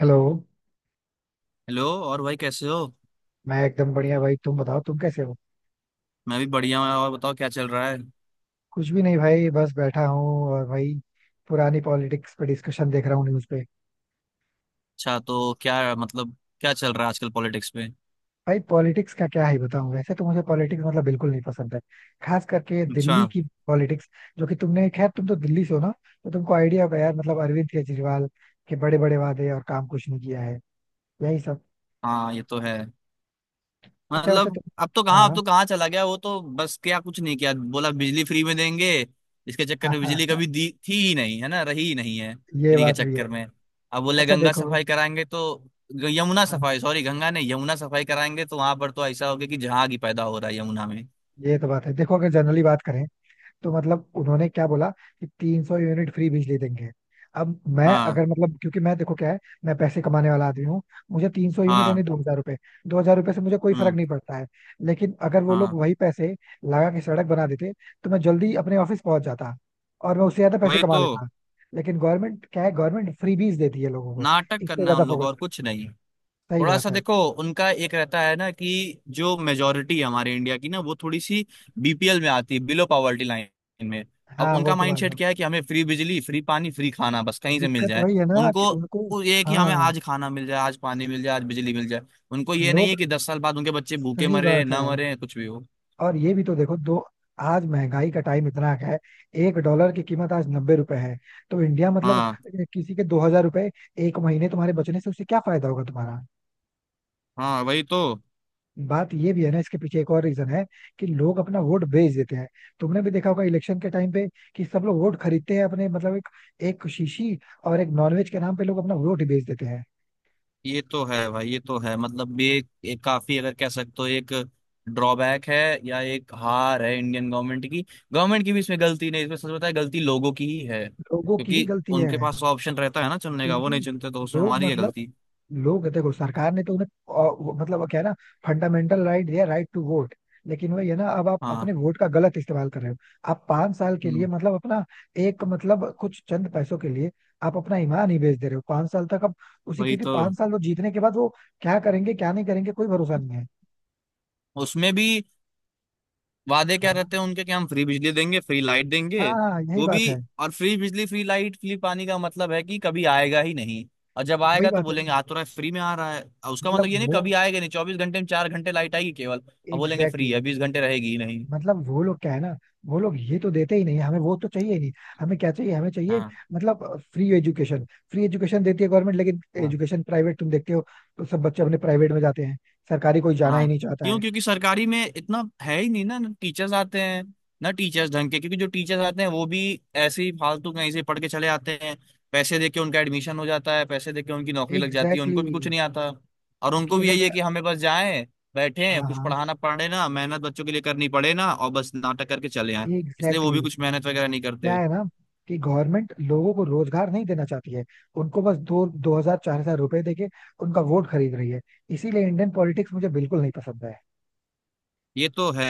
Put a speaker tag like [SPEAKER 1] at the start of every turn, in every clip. [SPEAKER 1] Hello.
[SPEAKER 2] Hello और भाई कैसे हो।
[SPEAKER 1] मैं एकदम बढ़िया भाई, तुम बताओ तुम कैसे हो।
[SPEAKER 2] मैं भी बढ़िया हूँ। और बताओ क्या चल रहा है।
[SPEAKER 1] कुछ भी नहीं भाई, बस बैठा हूँ और भाई पुरानी पॉलिटिक्स पे डिस्कशन देख रहा हूँ न्यूज़ पे।
[SPEAKER 2] अच्छा तो क्या मतलब, क्या चल रहा है आजकल पॉलिटिक्स में।
[SPEAKER 1] भाई पॉलिटिक्स का क्या ही बताऊँ, वैसे तो मुझे पॉलिटिक्स मतलब बिल्कुल नहीं पसंद है, खास करके
[SPEAKER 2] अच्छा।
[SPEAKER 1] दिल्ली की पॉलिटिक्स। जो कि तुमने, खैर तुम तो दिल्ली से हो ना, तो तुमको आइडिया होगा यार, मतलब अरविंद केजरीवाल के बड़े बड़े वादे और काम कुछ नहीं किया है, यही सब।
[SPEAKER 2] हाँ ये तो है।
[SPEAKER 1] अच्छा वैसे
[SPEAKER 2] मतलब
[SPEAKER 1] तुम।
[SPEAKER 2] अब तो कहाँ अब
[SPEAKER 1] हाँ।
[SPEAKER 2] तो कहाँ चला गया वो। तो बस क्या कुछ नहीं किया, बोला बिजली फ्री में देंगे। इसके चक्कर
[SPEAKER 1] हाँ
[SPEAKER 2] में
[SPEAKER 1] हाँ
[SPEAKER 2] बिजली
[SPEAKER 1] हाँ,
[SPEAKER 2] कभी दी थी ही नहीं, है ना, रही ही नहीं है
[SPEAKER 1] ये
[SPEAKER 2] फ्री के
[SPEAKER 1] बात भी है।
[SPEAKER 2] चक्कर में। अब बोले
[SPEAKER 1] अच्छा
[SPEAKER 2] गंगा
[SPEAKER 1] देखो।
[SPEAKER 2] सफाई कराएंगे, तो यमुना
[SPEAKER 1] हाँ,
[SPEAKER 2] सफाई, सॉरी, गंगा नहीं, यमुना सफाई कराएंगे, तो वहां पर तो ऐसा हो गया कि जहां की पैदा हो रहा है यमुना में।
[SPEAKER 1] ये तो बात है। देखो अगर जनरली बात करें तो मतलब उन्होंने क्या बोला कि 300 यूनिट फ्री बिजली देंगे। अब मैं
[SPEAKER 2] हाँ,
[SPEAKER 1] अगर मतलब क्योंकि मैं देखो क्या है, मैं पैसे कमाने वाला आदमी हूँ। मुझे तीन सौ यूनिट
[SPEAKER 2] हाँ,
[SPEAKER 1] यानी 2,000 रुपए, 2,000 रुपए से मुझे कोई फर्क
[SPEAKER 2] हम्म।
[SPEAKER 1] नहीं पड़ता है। लेकिन अगर वो लोग
[SPEAKER 2] हाँ
[SPEAKER 1] वही पैसे लगा के सड़क बना देते तो मैं जल्दी अपने ऑफिस पहुंच जाता और मैं उससे ज्यादा पैसे
[SPEAKER 2] वही
[SPEAKER 1] कमा
[SPEAKER 2] तो।
[SPEAKER 1] लेता। लेकिन गवर्नमेंट क्या है, गवर्नमेंट फ्रीबीज देती है लोगों को,
[SPEAKER 2] नाटक
[SPEAKER 1] इससे
[SPEAKER 2] करना
[SPEAKER 1] ज्यादा
[SPEAKER 2] उन लोग
[SPEAKER 1] फोकस।
[SPEAKER 2] और कुछ नहीं।
[SPEAKER 1] सही
[SPEAKER 2] थोड़ा
[SPEAKER 1] बात
[SPEAKER 2] सा
[SPEAKER 1] है।
[SPEAKER 2] देखो, उनका एक रहता है ना कि जो मेजोरिटी है हमारे इंडिया की ना, वो थोड़ी सी बीपीएल में आती है, बिलो पॉवर्टी लाइन में। अब
[SPEAKER 1] हाँ वो
[SPEAKER 2] उनका
[SPEAKER 1] तो बात है।
[SPEAKER 2] माइंडसेट क्या है कि हमें फ्री बिजली, फ्री पानी, फ्री खाना बस कहीं से मिल
[SPEAKER 1] दिक्कत
[SPEAKER 2] जाए।
[SPEAKER 1] वही है ना कि
[SPEAKER 2] उनको
[SPEAKER 1] उनको।
[SPEAKER 2] वो ये है कि हमें
[SPEAKER 1] हाँ।
[SPEAKER 2] आज खाना मिल जाए, आज पानी मिल जाए, आज बिजली मिल जाए। उनको ये नहीं
[SPEAKER 1] लोग।
[SPEAKER 2] है कि 10 साल बाद उनके बच्चे भूखे
[SPEAKER 1] सही
[SPEAKER 2] मरे
[SPEAKER 1] बात है।
[SPEAKER 2] ना मरे कुछ भी हो।
[SPEAKER 1] और ये भी तो देखो दो, आज महंगाई का टाइम इतना है। एक डॉलर की कीमत आज 90 रुपए है। तो इंडिया मतलब
[SPEAKER 2] हाँ।
[SPEAKER 1] किसी के 2,000 रुपए एक महीने तुम्हारे बचने से उससे क्या फायदा होगा तुम्हारा।
[SPEAKER 2] हाँ वही तो।
[SPEAKER 1] बात ये भी है ना, इसके पीछे एक और रीजन है कि लोग अपना वोट बेच देते हैं। तुमने भी देखा होगा इलेक्शन के टाइम पे कि सब लोग वोट खरीदते हैं अपने, मतलब एक एक शीशी और एक नॉनवेज के नाम पे लोग अपना वोट ही बेच देते हैं।
[SPEAKER 2] ये तो है भाई, ये तो है। मतलब ये एक एक काफी, अगर कह सकते हो, एक ड्रॉबैक है या एक हार है इंडियन गवर्नमेंट की। गवर्नमेंट की भी इसमें गलती नहीं, इसमें सच बताए गलती लोगों की ही है,
[SPEAKER 1] लोगों की ही
[SPEAKER 2] क्योंकि
[SPEAKER 1] गलती है
[SPEAKER 2] उनके पास ऑप्शन रहता है ना चुनने का। वो
[SPEAKER 1] क्योंकि
[SPEAKER 2] नहीं चुनते तो उसमें
[SPEAKER 1] लोग
[SPEAKER 2] हमारी है
[SPEAKER 1] मतलब
[SPEAKER 2] गलती।
[SPEAKER 1] लोग देखो, सरकार ने तो उन्हें मतलब वो क्या है ना, फंडामेंटल राइट दिया, राइट टू वोट। लेकिन वही है ना, अब आप
[SPEAKER 2] हाँ।
[SPEAKER 1] अपने वोट का गलत इस्तेमाल कर रहे हो। आप 5 साल के लिए
[SPEAKER 2] हम्म।
[SPEAKER 1] मतलब अपना, एक मतलब कुछ चंद पैसों के लिए आप अपना ईमान ही बेच दे रहे हो, 5 साल तक आप उसी
[SPEAKER 2] वही
[SPEAKER 1] क्योंकि
[SPEAKER 2] तो।
[SPEAKER 1] 5 साल वो जीतने के बाद वो क्या करेंगे क्या नहीं करेंगे कोई भरोसा नहीं है।
[SPEAKER 2] उसमें भी वादे क्या
[SPEAKER 1] हाँ
[SPEAKER 2] रहते हैं उनके कि हम फ्री बिजली देंगे, फ्री लाइट देंगे।
[SPEAKER 1] हाँ हाँ, यही
[SPEAKER 2] वो भी।
[SPEAKER 1] बात है।
[SPEAKER 2] और फ्री बिजली, फ्री लाइट, फ्री पानी का मतलब है कि कभी आएगा ही नहीं। और जब
[SPEAKER 1] वही
[SPEAKER 2] आएगा तो
[SPEAKER 1] बात है ना,
[SPEAKER 2] बोलेंगे आ तो रहा है, फ्री में आ रहा है। और उसका
[SPEAKER 1] मतलब
[SPEAKER 2] मतलब ये नहीं, कभी
[SPEAKER 1] वो,
[SPEAKER 2] आएगा नहीं। 24 घंटे में 4 घंटे लाइट आएगी केवल। और बोलेंगे फ्री
[SPEAKER 1] एग्जैक्टली,
[SPEAKER 2] है, 20 घंटे रहेगी ही नहीं।
[SPEAKER 1] मतलब वो लोग क्या है ना, वो लोग ये तो देते ही नहीं है, हमें वो तो चाहिए ही नहीं। हमें क्या चाहिए, हमें चाहिए
[SPEAKER 2] हाँ,
[SPEAKER 1] मतलब फ्री एजुकेशन। फ्री एजुकेशन देती है गवर्नमेंट, लेकिन
[SPEAKER 2] हाँ,
[SPEAKER 1] एजुकेशन प्राइवेट तुम देखते हो, तो सब बच्चे अपने प्राइवेट में जाते हैं, सरकारी कोई जाना ही
[SPEAKER 2] हाँ।
[SPEAKER 1] नहीं चाहता
[SPEAKER 2] क्यों,
[SPEAKER 1] है।
[SPEAKER 2] क्योंकि सरकारी में इतना है ही नहीं ना। ना टीचर्स आते हैं, ना टीचर्स ढंग के। क्योंकि जो टीचर्स आते हैं वो भी ऐसे ही फालतू कहीं से पढ़ के चले आते हैं। पैसे दे के उनका एडमिशन हो जाता है, पैसे दे के उनकी नौकरी लग जाती है,
[SPEAKER 1] एग्जैक्टली
[SPEAKER 2] उनको भी कुछ
[SPEAKER 1] exactly।
[SPEAKER 2] नहीं आता। और उनको
[SPEAKER 1] क्योंकि
[SPEAKER 2] भी
[SPEAKER 1] अगर
[SPEAKER 2] यही
[SPEAKER 1] मैं,
[SPEAKER 2] है कि हमें बस जाएं, बैठे,
[SPEAKER 1] हाँ
[SPEAKER 2] कुछ
[SPEAKER 1] हाँ,
[SPEAKER 2] पढ़ाना पड़े ना, मेहनत बच्चों के लिए करनी पड़े ना, और बस नाटक करके चले आए। इसलिए वो
[SPEAKER 1] एग्जैक्टली
[SPEAKER 2] भी
[SPEAKER 1] exactly।
[SPEAKER 2] कुछ मेहनत वगैरह नहीं
[SPEAKER 1] क्या
[SPEAKER 2] करते।
[SPEAKER 1] है ना कि गवर्नमेंट लोगों को रोजगार नहीं देना चाहती है, उनको बस दो दो हजार 4,000 रुपए देके उनका वोट खरीद रही है। इसीलिए इंडियन पॉलिटिक्स मुझे बिल्कुल नहीं पसंद है।
[SPEAKER 2] ये तो है,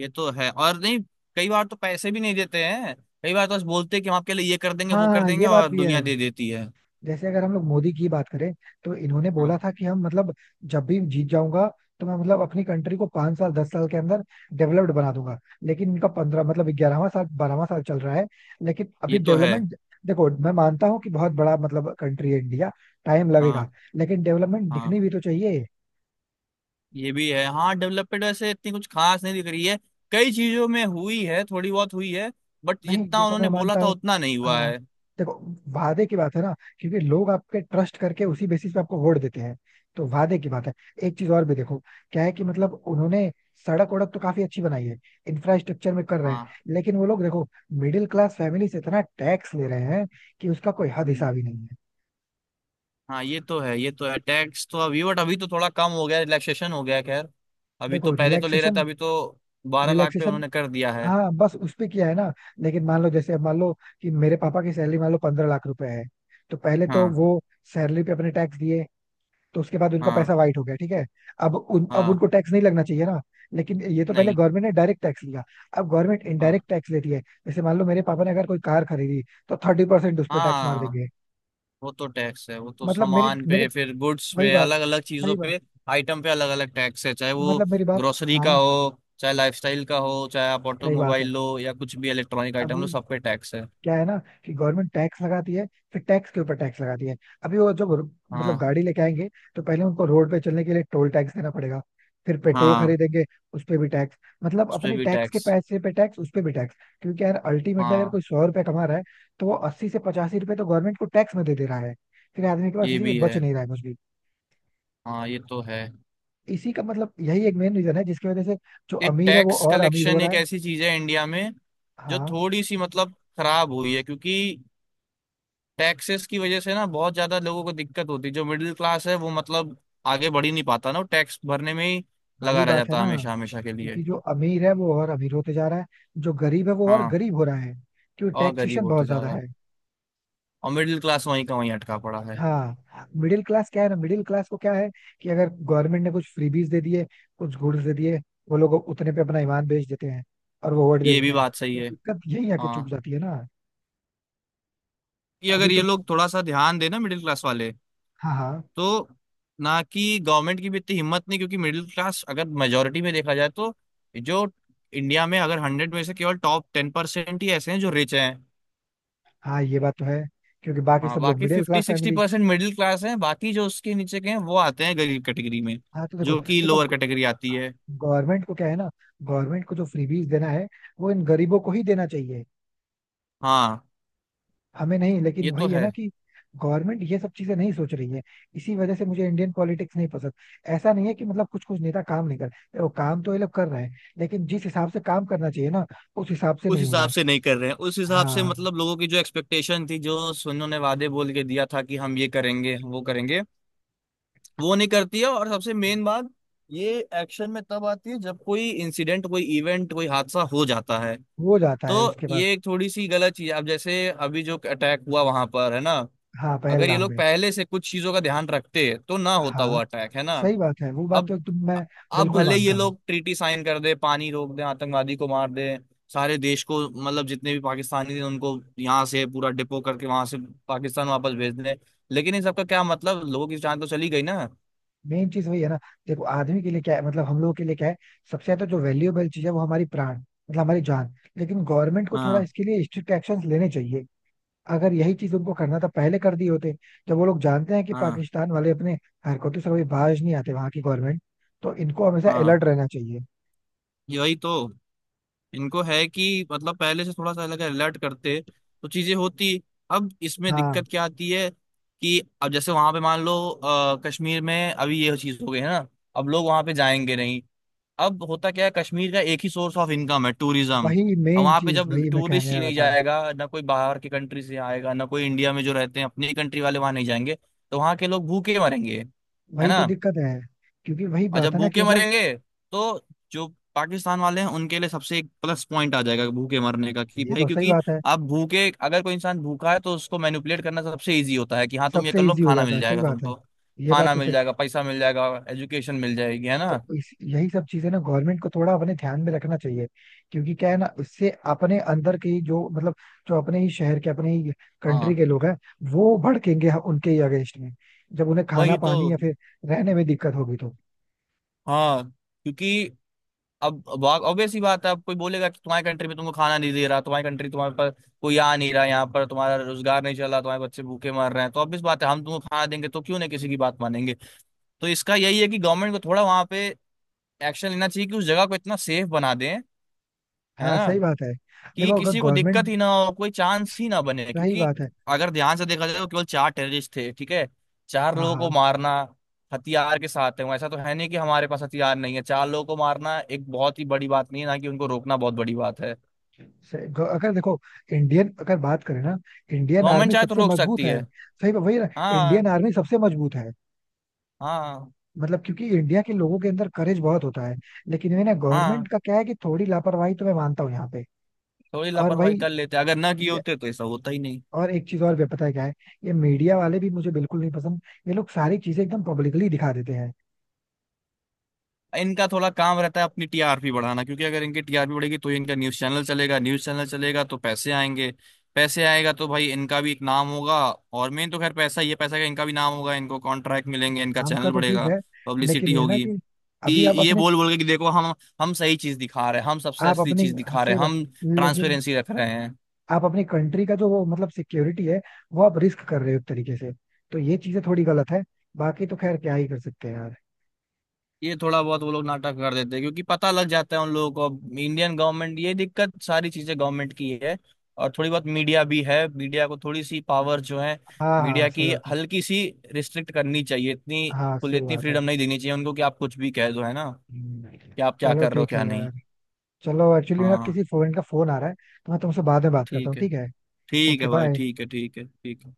[SPEAKER 2] ये तो है। और नहीं, कई बार तो पैसे भी नहीं देते हैं। कई बार तो बस बोलते हैं कि हम आपके लिए ये कर देंगे,
[SPEAKER 1] हाँ
[SPEAKER 2] वो कर
[SPEAKER 1] हाँ,
[SPEAKER 2] देंगे,
[SPEAKER 1] ये बात
[SPEAKER 2] और
[SPEAKER 1] भी है।
[SPEAKER 2] दुनिया दे देती है।
[SPEAKER 1] जैसे अगर हम लोग मोदी की बात करें तो इन्होंने बोला
[SPEAKER 2] हाँ।
[SPEAKER 1] था कि हम मतलब जब भी जीत जाऊंगा तो मैं मतलब अपनी कंट्री को 5 साल 10 साल के अंदर डेवलप्ड बना दूंगा। लेकिन इनका 15, मतलब 11वां साल 12वां साल चल रहा है, लेकिन अभी
[SPEAKER 2] ये तो है।
[SPEAKER 1] डेवलपमेंट। देखो मैं मानता हूँ कि बहुत बड़ा मतलब कंट्री है इंडिया, टाइम लगेगा।
[SPEAKER 2] हाँ,
[SPEAKER 1] लेकिन डेवलपमेंट
[SPEAKER 2] हाँ।
[SPEAKER 1] दिखनी भी तो चाहिए।
[SPEAKER 2] ये भी है। हाँ, डेवलपमेंट वैसे इतनी कुछ खास नहीं दिख रही है। कई चीजों में हुई है, थोड़ी बहुत हुई है, बट
[SPEAKER 1] नहीं
[SPEAKER 2] जितना
[SPEAKER 1] देखो मैं
[SPEAKER 2] उन्होंने बोला
[SPEAKER 1] मानता
[SPEAKER 2] था
[SPEAKER 1] हूँ।
[SPEAKER 2] उतना नहीं हुआ
[SPEAKER 1] हाँ।
[SPEAKER 2] है।
[SPEAKER 1] देखो, वादे की बात है ना, क्योंकि लोग आप पे ट्रस्ट करके उसी बेसिस पे आपको वोट देते हैं, तो वादे की बात है। एक चीज और भी देखो, क्या है कि मतलब उन्होंने सड़क वड़क तो काफी अच्छी बनाई है, इंफ्रास्ट्रक्चर में कर रहे हैं।
[SPEAKER 2] हाँ।
[SPEAKER 1] लेकिन वो लोग देखो, मिडिल क्लास फैमिली से इतना टैक्स ले रहे हैं कि उसका कोई हद
[SPEAKER 2] हम्म।
[SPEAKER 1] हिसाब ही नहीं है।
[SPEAKER 2] हाँ ये तो है, ये तो है। टैक्स तो अभी, बट अभी तो थोड़ा कम हो गया, रिलैक्सेशन हो गया है, खैर। अभी तो,
[SPEAKER 1] देखो
[SPEAKER 2] पहले तो ले रहे थे,
[SPEAKER 1] रिलैक्सेशन,
[SPEAKER 2] अभी तो 12 लाख पे
[SPEAKER 1] रिलैक्सेशन,
[SPEAKER 2] उन्होंने कर दिया है।
[SPEAKER 1] हाँ बस उस पे किया है ना। लेकिन मान लो, जैसे अब मान लो कि मेरे पापा की सैलरी मान लो 15 लाख रुपए है, तो पहले तो
[SPEAKER 2] हाँ।
[SPEAKER 1] वो सैलरी पे अपने टैक्स दिए, तो उसके बाद उनका
[SPEAKER 2] हाँ।
[SPEAKER 1] पैसा वाइट हो गया, ठीक है। अब
[SPEAKER 2] हाँ।
[SPEAKER 1] उनको टैक्स नहीं लगना चाहिए ना। लेकिन ये तो पहले
[SPEAKER 2] नहीं।
[SPEAKER 1] गवर्नमेंट ने डायरेक्ट टैक्स लिया, अब गवर्नमेंट
[SPEAKER 2] हाँ।
[SPEAKER 1] इनडायरेक्ट टैक्स लेती है। जैसे मान लो मेरे पापा ने अगर कोई कार खरीदी, तो 30% उस पर टैक्स मार
[SPEAKER 2] हाँ।
[SPEAKER 1] देंगे।
[SPEAKER 2] वो तो टैक्स है, वो तो
[SPEAKER 1] मतलब मेरे
[SPEAKER 2] सामान
[SPEAKER 1] मेरे
[SPEAKER 2] पे, फिर गुड्स
[SPEAKER 1] वही
[SPEAKER 2] पे,
[SPEAKER 1] बात,
[SPEAKER 2] अलग अलग
[SPEAKER 1] वही
[SPEAKER 2] चीजों
[SPEAKER 1] बात,
[SPEAKER 2] पे। आइटम पे अलग अलग टैक्स है, चाहे वो
[SPEAKER 1] मतलब मेरी बात,
[SPEAKER 2] ग्रोसरी का
[SPEAKER 1] हाँ
[SPEAKER 2] हो, चाहे लाइफस्टाइल का हो, चाहे आप
[SPEAKER 1] सही बात
[SPEAKER 2] ऑटोमोबाइल
[SPEAKER 1] है।
[SPEAKER 2] लो, या कुछ भी इलेक्ट्रॉनिक आइटम लो,
[SPEAKER 1] अभी
[SPEAKER 2] सब पे टैक्स है।
[SPEAKER 1] क्या है ना कि गवर्नमेंट टैक्स लगाती है, फिर टैक्स के ऊपर टैक्स लगाती है। अभी वो जब मतलब
[SPEAKER 2] हाँ।
[SPEAKER 1] गाड़ी लेके आएंगे, तो पहले उनको रोड पे चलने के लिए टोल टैक्स देना पड़ेगा, फिर पेट्रोल
[SPEAKER 2] हाँ।
[SPEAKER 1] खरीदेंगे, उस पे भी टैक्स। मतलब
[SPEAKER 2] उस पे
[SPEAKER 1] अपने
[SPEAKER 2] भी
[SPEAKER 1] टैक्स के
[SPEAKER 2] टैक्स।
[SPEAKER 1] पैसे पे टैक्स, उस पे भी टैक्स। क्योंकि यार अल्टीमेटली अगर
[SPEAKER 2] हाँ
[SPEAKER 1] कोई 100 रुपए कमा रहा है तो वो 80 से 85 रुपए तो गवर्नमेंट को टैक्स में दे दे रहा है, फिर आदमी के पास
[SPEAKER 2] ये
[SPEAKER 1] इसी के
[SPEAKER 2] भी है।
[SPEAKER 1] बच नहीं रहा है कुछ भी।
[SPEAKER 2] हाँ ये तो है।
[SPEAKER 1] इसी का मतलब यही एक मेन रीजन है जिसकी वजह से जो
[SPEAKER 2] एक
[SPEAKER 1] अमीर है वो
[SPEAKER 2] टैक्स
[SPEAKER 1] और अमीर हो
[SPEAKER 2] कलेक्शन
[SPEAKER 1] रहा
[SPEAKER 2] एक
[SPEAKER 1] है।
[SPEAKER 2] ऐसी चीज है इंडिया में जो
[SPEAKER 1] हाँ,
[SPEAKER 2] थोड़ी सी मतलब खराब हुई है, क्योंकि टैक्सेस की वजह से ना बहुत ज्यादा लोगों को दिक्कत होती है। जो मिडिल क्लास है वो मतलब आगे बढ़ ही नहीं पाता ना, वो टैक्स भरने में ही
[SPEAKER 1] वही
[SPEAKER 2] लगा रह
[SPEAKER 1] बात है
[SPEAKER 2] जाता है
[SPEAKER 1] ना,
[SPEAKER 2] हमेशा हमेशा के लिए।
[SPEAKER 1] क्योंकि जो अमीर है वो और अमीर होते जा रहा है, जो गरीब है वो और
[SPEAKER 2] हाँ।
[SPEAKER 1] गरीब हो रहा है, क्योंकि
[SPEAKER 2] और गरीब
[SPEAKER 1] टैक्सेशन बहुत
[SPEAKER 2] होते जा
[SPEAKER 1] ज्यादा
[SPEAKER 2] रहा है,
[SPEAKER 1] है।
[SPEAKER 2] और मिडिल क्लास वहीं का वहीं अटका पड़ा है।
[SPEAKER 1] हाँ, मिडिल क्लास क्या है ना, मिडिल क्लास को क्या है कि अगर गवर्नमेंट ने कुछ फ्रीबीज दे दिए, कुछ गुड्स दे दिए, वो लोग उतने पे अपना ईमान बेच देते हैं और वो वोट दे
[SPEAKER 2] ये
[SPEAKER 1] देते
[SPEAKER 2] भी
[SPEAKER 1] हैं।
[SPEAKER 2] बात सही
[SPEAKER 1] तो
[SPEAKER 2] है।
[SPEAKER 1] दिक्कत यही आके चुप
[SPEAKER 2] हाँ।
[SPEAKER 1] जाती है ना।
[SPEAKER 2] कि
[SPEAKER 1] अभी
[SPEAKER 2] अगर
[SPEAKER 1] तो,
[SPEAKER 2] ये लोग थोड़ा सा ध्यान देना मिडिल क्लास वाले,
[SPEAKER 1] हाँ हाँ
[SPEAKER 2] तो ना, कि गवर्नमेंट की भी इतनी हिम्मत नहीं, क्योंकि मिडिल क्लास अगर मेजोरिटी में देखा जाए तो, जो, इंडिया में अगर 100 में से केवल टॉप 10% ही ऐसे हैं जो रिच हैं।
[SPEAKER 1] हाँ, ये बात तो है। क्योंकि बाकी
[SPEAKER 2] हाँ,
[SPEAKER 1] सब लोग
[SPEAKER 2] बाकी
[SPEAKER 1] middle
[SPEAKER 2] fifty
[SPEAKER 1] class
[SPEAKER 2] sixty
[SPEAKER 1] family.
[SPEAKER 2] Percent middle class है, बाकी जो उसके नीचे के हैं वो आते हैं गरीब कैटेगरी में,
[SPEAKER 1] हाँ तो देखो,
[SPEAKER 2] जो कि
[SPEAKER 1] देखो
[SPEAKER 2] लोअर कैटेगरी आती है।
[SPEAKER 1] गवर्नमेंट को क्या है ना, गवर्नमेंट को जो फ्रीबीज देना है वो इन गरीबों को ही देना चाहिए,
[SPEAKER 2] हाँ
[SPEAKER 1] हमें नहीं। लेकिन
[SPEAKER 2] ये तो
[SPEAKER 1] वही है
[SPEAKER 2] है।
[SPEAKER 1] ना कि गवर्नमेंट ये सब चीजें नहीं सोच रही है, इसी वजह से मुझे इंडियन पॉलिटिक्स नहीं पसंद। ऐसा नहीं है कि मतलब कुछ कुछ नेता काम नहीं कर रहे, वो काम तो ये लोग कर रहे हैं लेकिन जिस हिसाब से काम करना चाहिए ना, उस हिसाब से
[SPEAKER 2] उस
[SPEAKER 1] नहीं हो रहा।
[SPEAKER 2] हिसाब से नहीं कर रहे हैं, उस हिसाब से
[SPEAKER 1] हाँ,
[SPEAKER 2] मतलब लोगों की जो एक्सपेक्टेशन थी, जो सुनो ने वादे बोल के दिया था कि हम ये करेंगे, हम वो करेंगे, वो नहीं करती है। और सबसे मेन बात, ये एक्शन में तब आती है जब कोई इंसिडेंट, कोई इवेंट, कोई हादसा हो जाता है।
[SPEAKER 1] हो जाता
[SPEAKER 2] तो
[SPEAKER 1] है उसके बाद।
[SPEAKER 2] ये एक थोड़ी सी गलत चीज है। अब जैसे अभी जो अटैक हुआ वहां पर, है ना,
[SPEAKER 1] हाँ,
[SPEAKER 2] अगर ये
[SPEAKER 1] पहलगाम
[SPEAKER 2] लोग
[SPEAKER 1] में।
[SPEAKER 2] पहले से कुछ चीजों का ध्यान रखते तो ना होता वो
[SPEAKER 1] हाँ
[SPEAKER 2] अटैक, है ना।
[SPEAKER 1] सही बात है, वो बात
[SPEAKER 2] अब
[SPEAKER 1] तो एकदम मैं
[SPEAKER 2] अब
[SPEAKER 1] बिल्कुल
[SPEAKER 2] भले ये
[SPEAKER 1] मानता हूँ।
[SPEAKER 2] लोग ट्रीटी साइन कर दे, पानी रोक दे, आतंकवादी को मार दे, सारे देश को मतलब जितने भी पाकिस्तानी थे उनको यहाँ से पूरा डिपो करके वहां से पाकिस्तान वापस भेज दे, लेकिन इन सबका क्या मतलब, लोगों की जान तो चली गई ना।
[SPEAKER 1] मेन चीज वही है ना, देखो आदमी के लिए क्या है, मतलब हम लोगों के लिए क्या है, सबसे ज्यादा जो वैल्यूएबल चीज है वो हमारी प्राण मतलब हमारी जान, लेकिन गवर्नमेंट को थोड़ा
[SPEAKER 2] हाँ।
[SPEAKER 1] इसके लिए स्ट्रिक्ट एक्शन लेने चाहिए। अगर यही चीज उनको करना था पहले कर दिए होते। जब वो लोग जानते हैं कि
[SPEAKER 2] हाँ।
[SPEAKER 1] पाकिस्तान वाले अपने हरकतों से कभी बाज नहीं आते वहां की गवर्नमेंट, तो इनको हमेशा
[SPEAKER 2] हाँ।
[SPEAKER 1] अलर्ट रहना चाहिए।
[SPEAKER 2] यही तो। इनको है कि मतलब पहले से थोड़ा सा अलग अलर्ट करते तो चीजें होती। अब इसमें
[SPEAKER 1] हाँ,
[SPEAKER 2] दिक्कत क्या आती है कि अब जैसे वहां पे मान लो कश्मीर में अभी ये चीज हो गई है ना, अब लोग वहां पे जाएंगे नहीं। अब होता क्या है, कश्मीर का एक ही सोर्स ऑफ इनकम है, टूरिज्म।
[SPEAKER 1] वही
[SPEAKER 2] अब
[SPEAKER 1] मेन
[SPEAKER 2] वहां पे
[SPEAKER 1] चीज
[SPEAKER 2] जब
[SPEAKER 1] वही मैं
[SPEAKER 2] टूरिस्ट
[SPEAKER 1] कहने
[SPEAKER 2] ही
[SPEAKER 1] वाला
[SPEAKER 2] नहीं
[SPEAKER 1] था।
[SPEAKER 2] जाएगा, ना कोई बाहर की कंट्री से आएगा, ना कोई इंडिया में जो रहते हैं अपनी कंट्री वाले वहां नहीं जाएंगे, तो वहां के लोग भूखे मरेंगे, है
[SPEAKER 1] वही तो
[SPEAKER 2] ना।
[SPEAKER 1] दिक्कत है। क्योंकि वही
[SPEAKER 2] और
[SPEAKER 1] बात
[SPEAKER 2] जब
[SPEAKER 1] है ना कि
[SPEAKER 2] भूखे
[SPEAKER 1] मतलब,
[SPEAKER 2] मरेंगे तो जो पाकिस्तान वाले हैं उनके लिए सबसे एक प्लस पॉइंट आ जाएगा भूखे मरने का, कि
[SPEAKER 1] ये
[SPEAKER 2] भाई,
[SPEAKER 1] तो सही
[SPEAKER 2] क्योंकि
[SPEAKER 1] बात है।
[SPEAKER 2] आप भूखे, अगर कोई इंसान भूखा है तो उसको मैनिपुलेट करना सबसे इजी होता है कि हाँ तुम ये कर
[SPEAKER 1] सबसे
[SPEAKER 2] लो,
[SPEAKER 1] इजी हो
[SPEAKER 2] खाना
[SPEAKER 1] जाता है,
[SPEAKER 2] मिल
[SPEAKER 1] सही
[SPEAKER 2] जाएगा
[SPEAKER 1] बात है,
[SPEAKER 2] तुमको,
[SPEAKER 1] ये बात
[SPEAKER 2] खाना
[SPEAKER 1] तो
[SPEAKER 2] मिल
[SPEAKER 1] सही है।
[SPEAKER 2] जाएगा, पैसा मिल जाएगा, एजुकेशन मिल जाएगी, है ना।
[SPEAKER 1] तो इस यही सब चीजें ना गवर्नमेंट को थोड़ा अपने ध्यान में रखना चाहिए। क्योंकि क्या है ना, इससे अपने अंदर के ही जो मतलब जो अपने ही शहर के अपने ही कंट्री
[SPEAKER 2] हाँ
[SPEAKER 1] के लोग हैं वो भड़केंगे उनके ही अगेंस्ट में, जब उन्हें खाना
[SPEAKER 2] वही तो।
[SPEAKER 1] पानी या फिर रहने में दिक्कत होगी तो।
[SPEAKER 2] हाँ, क्योंकि अब ऑब्वियस ही बात है, अब कोई बोलेगा कि तुम्हारी कंट्री में तुमको खाना नहीं दे रहा, तुम्हारी कंट्री, तुम्हारे पास कोई आ नहीं रहा यहाँ पर, तुम्हारा रोजगार नहीं चल रहा, तुम्हारे बच्चे भूखे मर रहे हैं, तो ऑब्वियस बात है हम तुमको खाना देंगे तो क्यों नहीं किसी की बात मानेंगे। तो इसका यही है कि गवर्नमेंट को थोड़ा वहां पे एक्शन लेना चाहिए कि उस जगह को इतना सेफ बना दें, है
[SPEAKER 1] हाँ
[SPEAKER 2] ना,
[SPEAKER 1] सही बात है।
[SPEAKER 2] कि
[SPEAKER 1] देखो अगर
[SPEAKER 2] किसी को दिक्कत
[SPEAKER 1] गवर्नमेंट,
[SPEAKER 2] ही ना हो, कोई चांस ही ना बने।
[SPEAKER 1] सही
[SPEAKER 2] क्योंकि
[SPEAKER 1] बात है,
[SPEAKER 2] अगर ध्यान से देखा जाए तो केवल चार टेररिस्ट थे, ठीक है, चार
[SPEAKER 1] हाँ
[SPEAKER 2] लोगों को
[SPEAKER 1] हाँ
[SPEAKER 2] मारना हथियार के साथ, है वो ऐसा तो है नहीं कि हमारे पास हथियार नहीं है, चार लोगों को मारना एक बहुत ही बड़ी बात नहीं है ना, कि उनको रोकना बहुत बड़ी बात है।
[SPEAKER 1] अगर देखो, इंडियन अगर बात करें ना, इंडियन
[SPEAKER 2] गवर्नमेंट
[SPEAKER 1] आर्मी
[SPEAKER 2] चाहे तो
[SPEAKER 1] सबसे
[SPEAKER 2] रोक
[SPEAKER 1] मजबूत
[SPEAKER 2] सकती है।
[SPEAKER 1] है, वही ना। इंडियन
[SPEAKER 2] हाँ,
[SPEAKER 1] आर्मी सबसे मजबूत है।
[SPEAKER 2] हाँ,
[SPEAKER 1] मतलब क्योंकि इंडिया के लोगों के अंदर करेज बहुत होता है, लेकिन ये ना
[SPEAKER 2] हाँ।
[SPEAKER 1] गवर्नमेंट का क्या है कि थोड़ी लापरवाही तो मैं मानता हूँ यहाँ पे।
[SPEAKER 2] थोड़ी
[SPEAKER 1] और
[SPEAKER 2] लापरवाही
[SPEAKER 1] वही,
[SPEAKER 2] कर लेते, अगर ना किए होते तो ऐसा होता ही नहीं।
[SPEAKER 1] और एक चीज और भी पता है क्या है, ये मीडिया वाले भी मुझे बिल्कुल नहीं पसंद, ये लोग सारी चीजें एकदम पब्लिकली दिखा देते हैं।
[SPEAKER 2] इनका थोड़ा काम रहता है अपनी टीआरपी बढ़ाना, क्योंकि अगर इनकी टीआरपी बढ़ेगी तो इनका न्यूज चैनल चलेगा, न्यूज चैनल चलेगा तो पैसे आएंगे, पैसे आएगा तो भाई इनका भी एक नाम होगा। और मेन तो खैर पैसा ही है, पैसा का, इनका भी नाम होगा, इनको कॉन्ट्रैक्ट मिलेंगे, इनका
[SPEAKER 1] नाम का
[SPEAKER 2] चैनल
[SPEAKER 1] तो ठीक
[SPEAKER 2] बढ़ेगा,
[SPEAKER 1] है लेकिन
[SPEAKER 2] पब्लिसिटी
[SPEAKER 1] ये है ना
[SPEAKER 2] होगी,
[SPEAKER 1] कि
[SPEAKER 2] कि
[SPEAKER 1] अभी
[SPEAKER 2] ये बोल बोल के कि देखो, हम सही चीज दिखा रहे हैं, हम सबसे
[SPEAKER 1] आप
[SPEAKER 2] असली
[SPEAKER 1] अपने
[SPEAKER 2] चीज दिखा रहे
[SPEAKER 1] से
[SPEAKER 2] हैं, हम
[SPEAKER 1] लेकिन
[SPEAKER 2] ट्रांसपेरेंसी रख रहे हैं।
[SPEAKER 1] आप अपनी कंट्री का जो वो मतलब सिक्योरिटी है, वो आप रिस्क कर रहे हो एक तरीके से, तो ये चीजें थोड़ी गलत है, बाकी तो खैर क्या ही कर सकते हैं यार।
[SPEAKER 2] ये थोड़ा बहुत वो लोग नाटक कर देते हैं, क्योंकि पता लग जाता है उन लोगों को। अब इंडियन गवर्नमेंट ये दिक्कत, सारी चीजें गवर्नमेंट की है, और थोड़ी बहुत मीडिया भी है, मीडिया को थोड़ी सी पावर जो है,
[SPEAKER 1] हाँ हाँ
[SPEAKER 2] मीडिया
[SPEAKER 1] सही
[SPEAKER 2] की,
[SPEAKER 1] बात है।
[SPEAKER 2] हल्की सी रिस्ट्रिक्ट करनी चाहिए इतनी,
[SPEAKER 1] हाँ
[SPEAKER 2] खुले,
[SPEAKER 1] सही
[SPEAKER 2] इतनी
[SPEAKER 1] बात है।
[SPEAKER 2] फ्रीडम नहीं देनी चाहिए उनको कि आप कुछ भी कह दो, है ना,
[SPEAKER 1] हम्म,
[SPEAKER 2] कि आप क्या
[SPEAKER 1] चलो
[SPEAKER 2] कर रहे हो
[SPEAKER 1] ठीक है
[SPEAKER 2] क्या
[SPEAKER 1] यार,
[SPEAKER 2] नहीं।
[SPEAKER 1] चलो एक्चुअली ना
[SPEAKER 2] हाँ।
[SPEAKER 1] किसी फ्रेंड का फोन आ रहा है, तो मैं तुमसे बाद में बात करता हूँ,
[SPEAKER 2] ठीक है।
[SPEAKER 1] ठीक है।
[SPEAKER 2] ठीक है
[SPEAKER 1] ओके
[SPEAKER 2] भाई,
[SPEAKER 1] बाय।
[SPEAKER 2] ठीक है, ठीक है, ठीक है।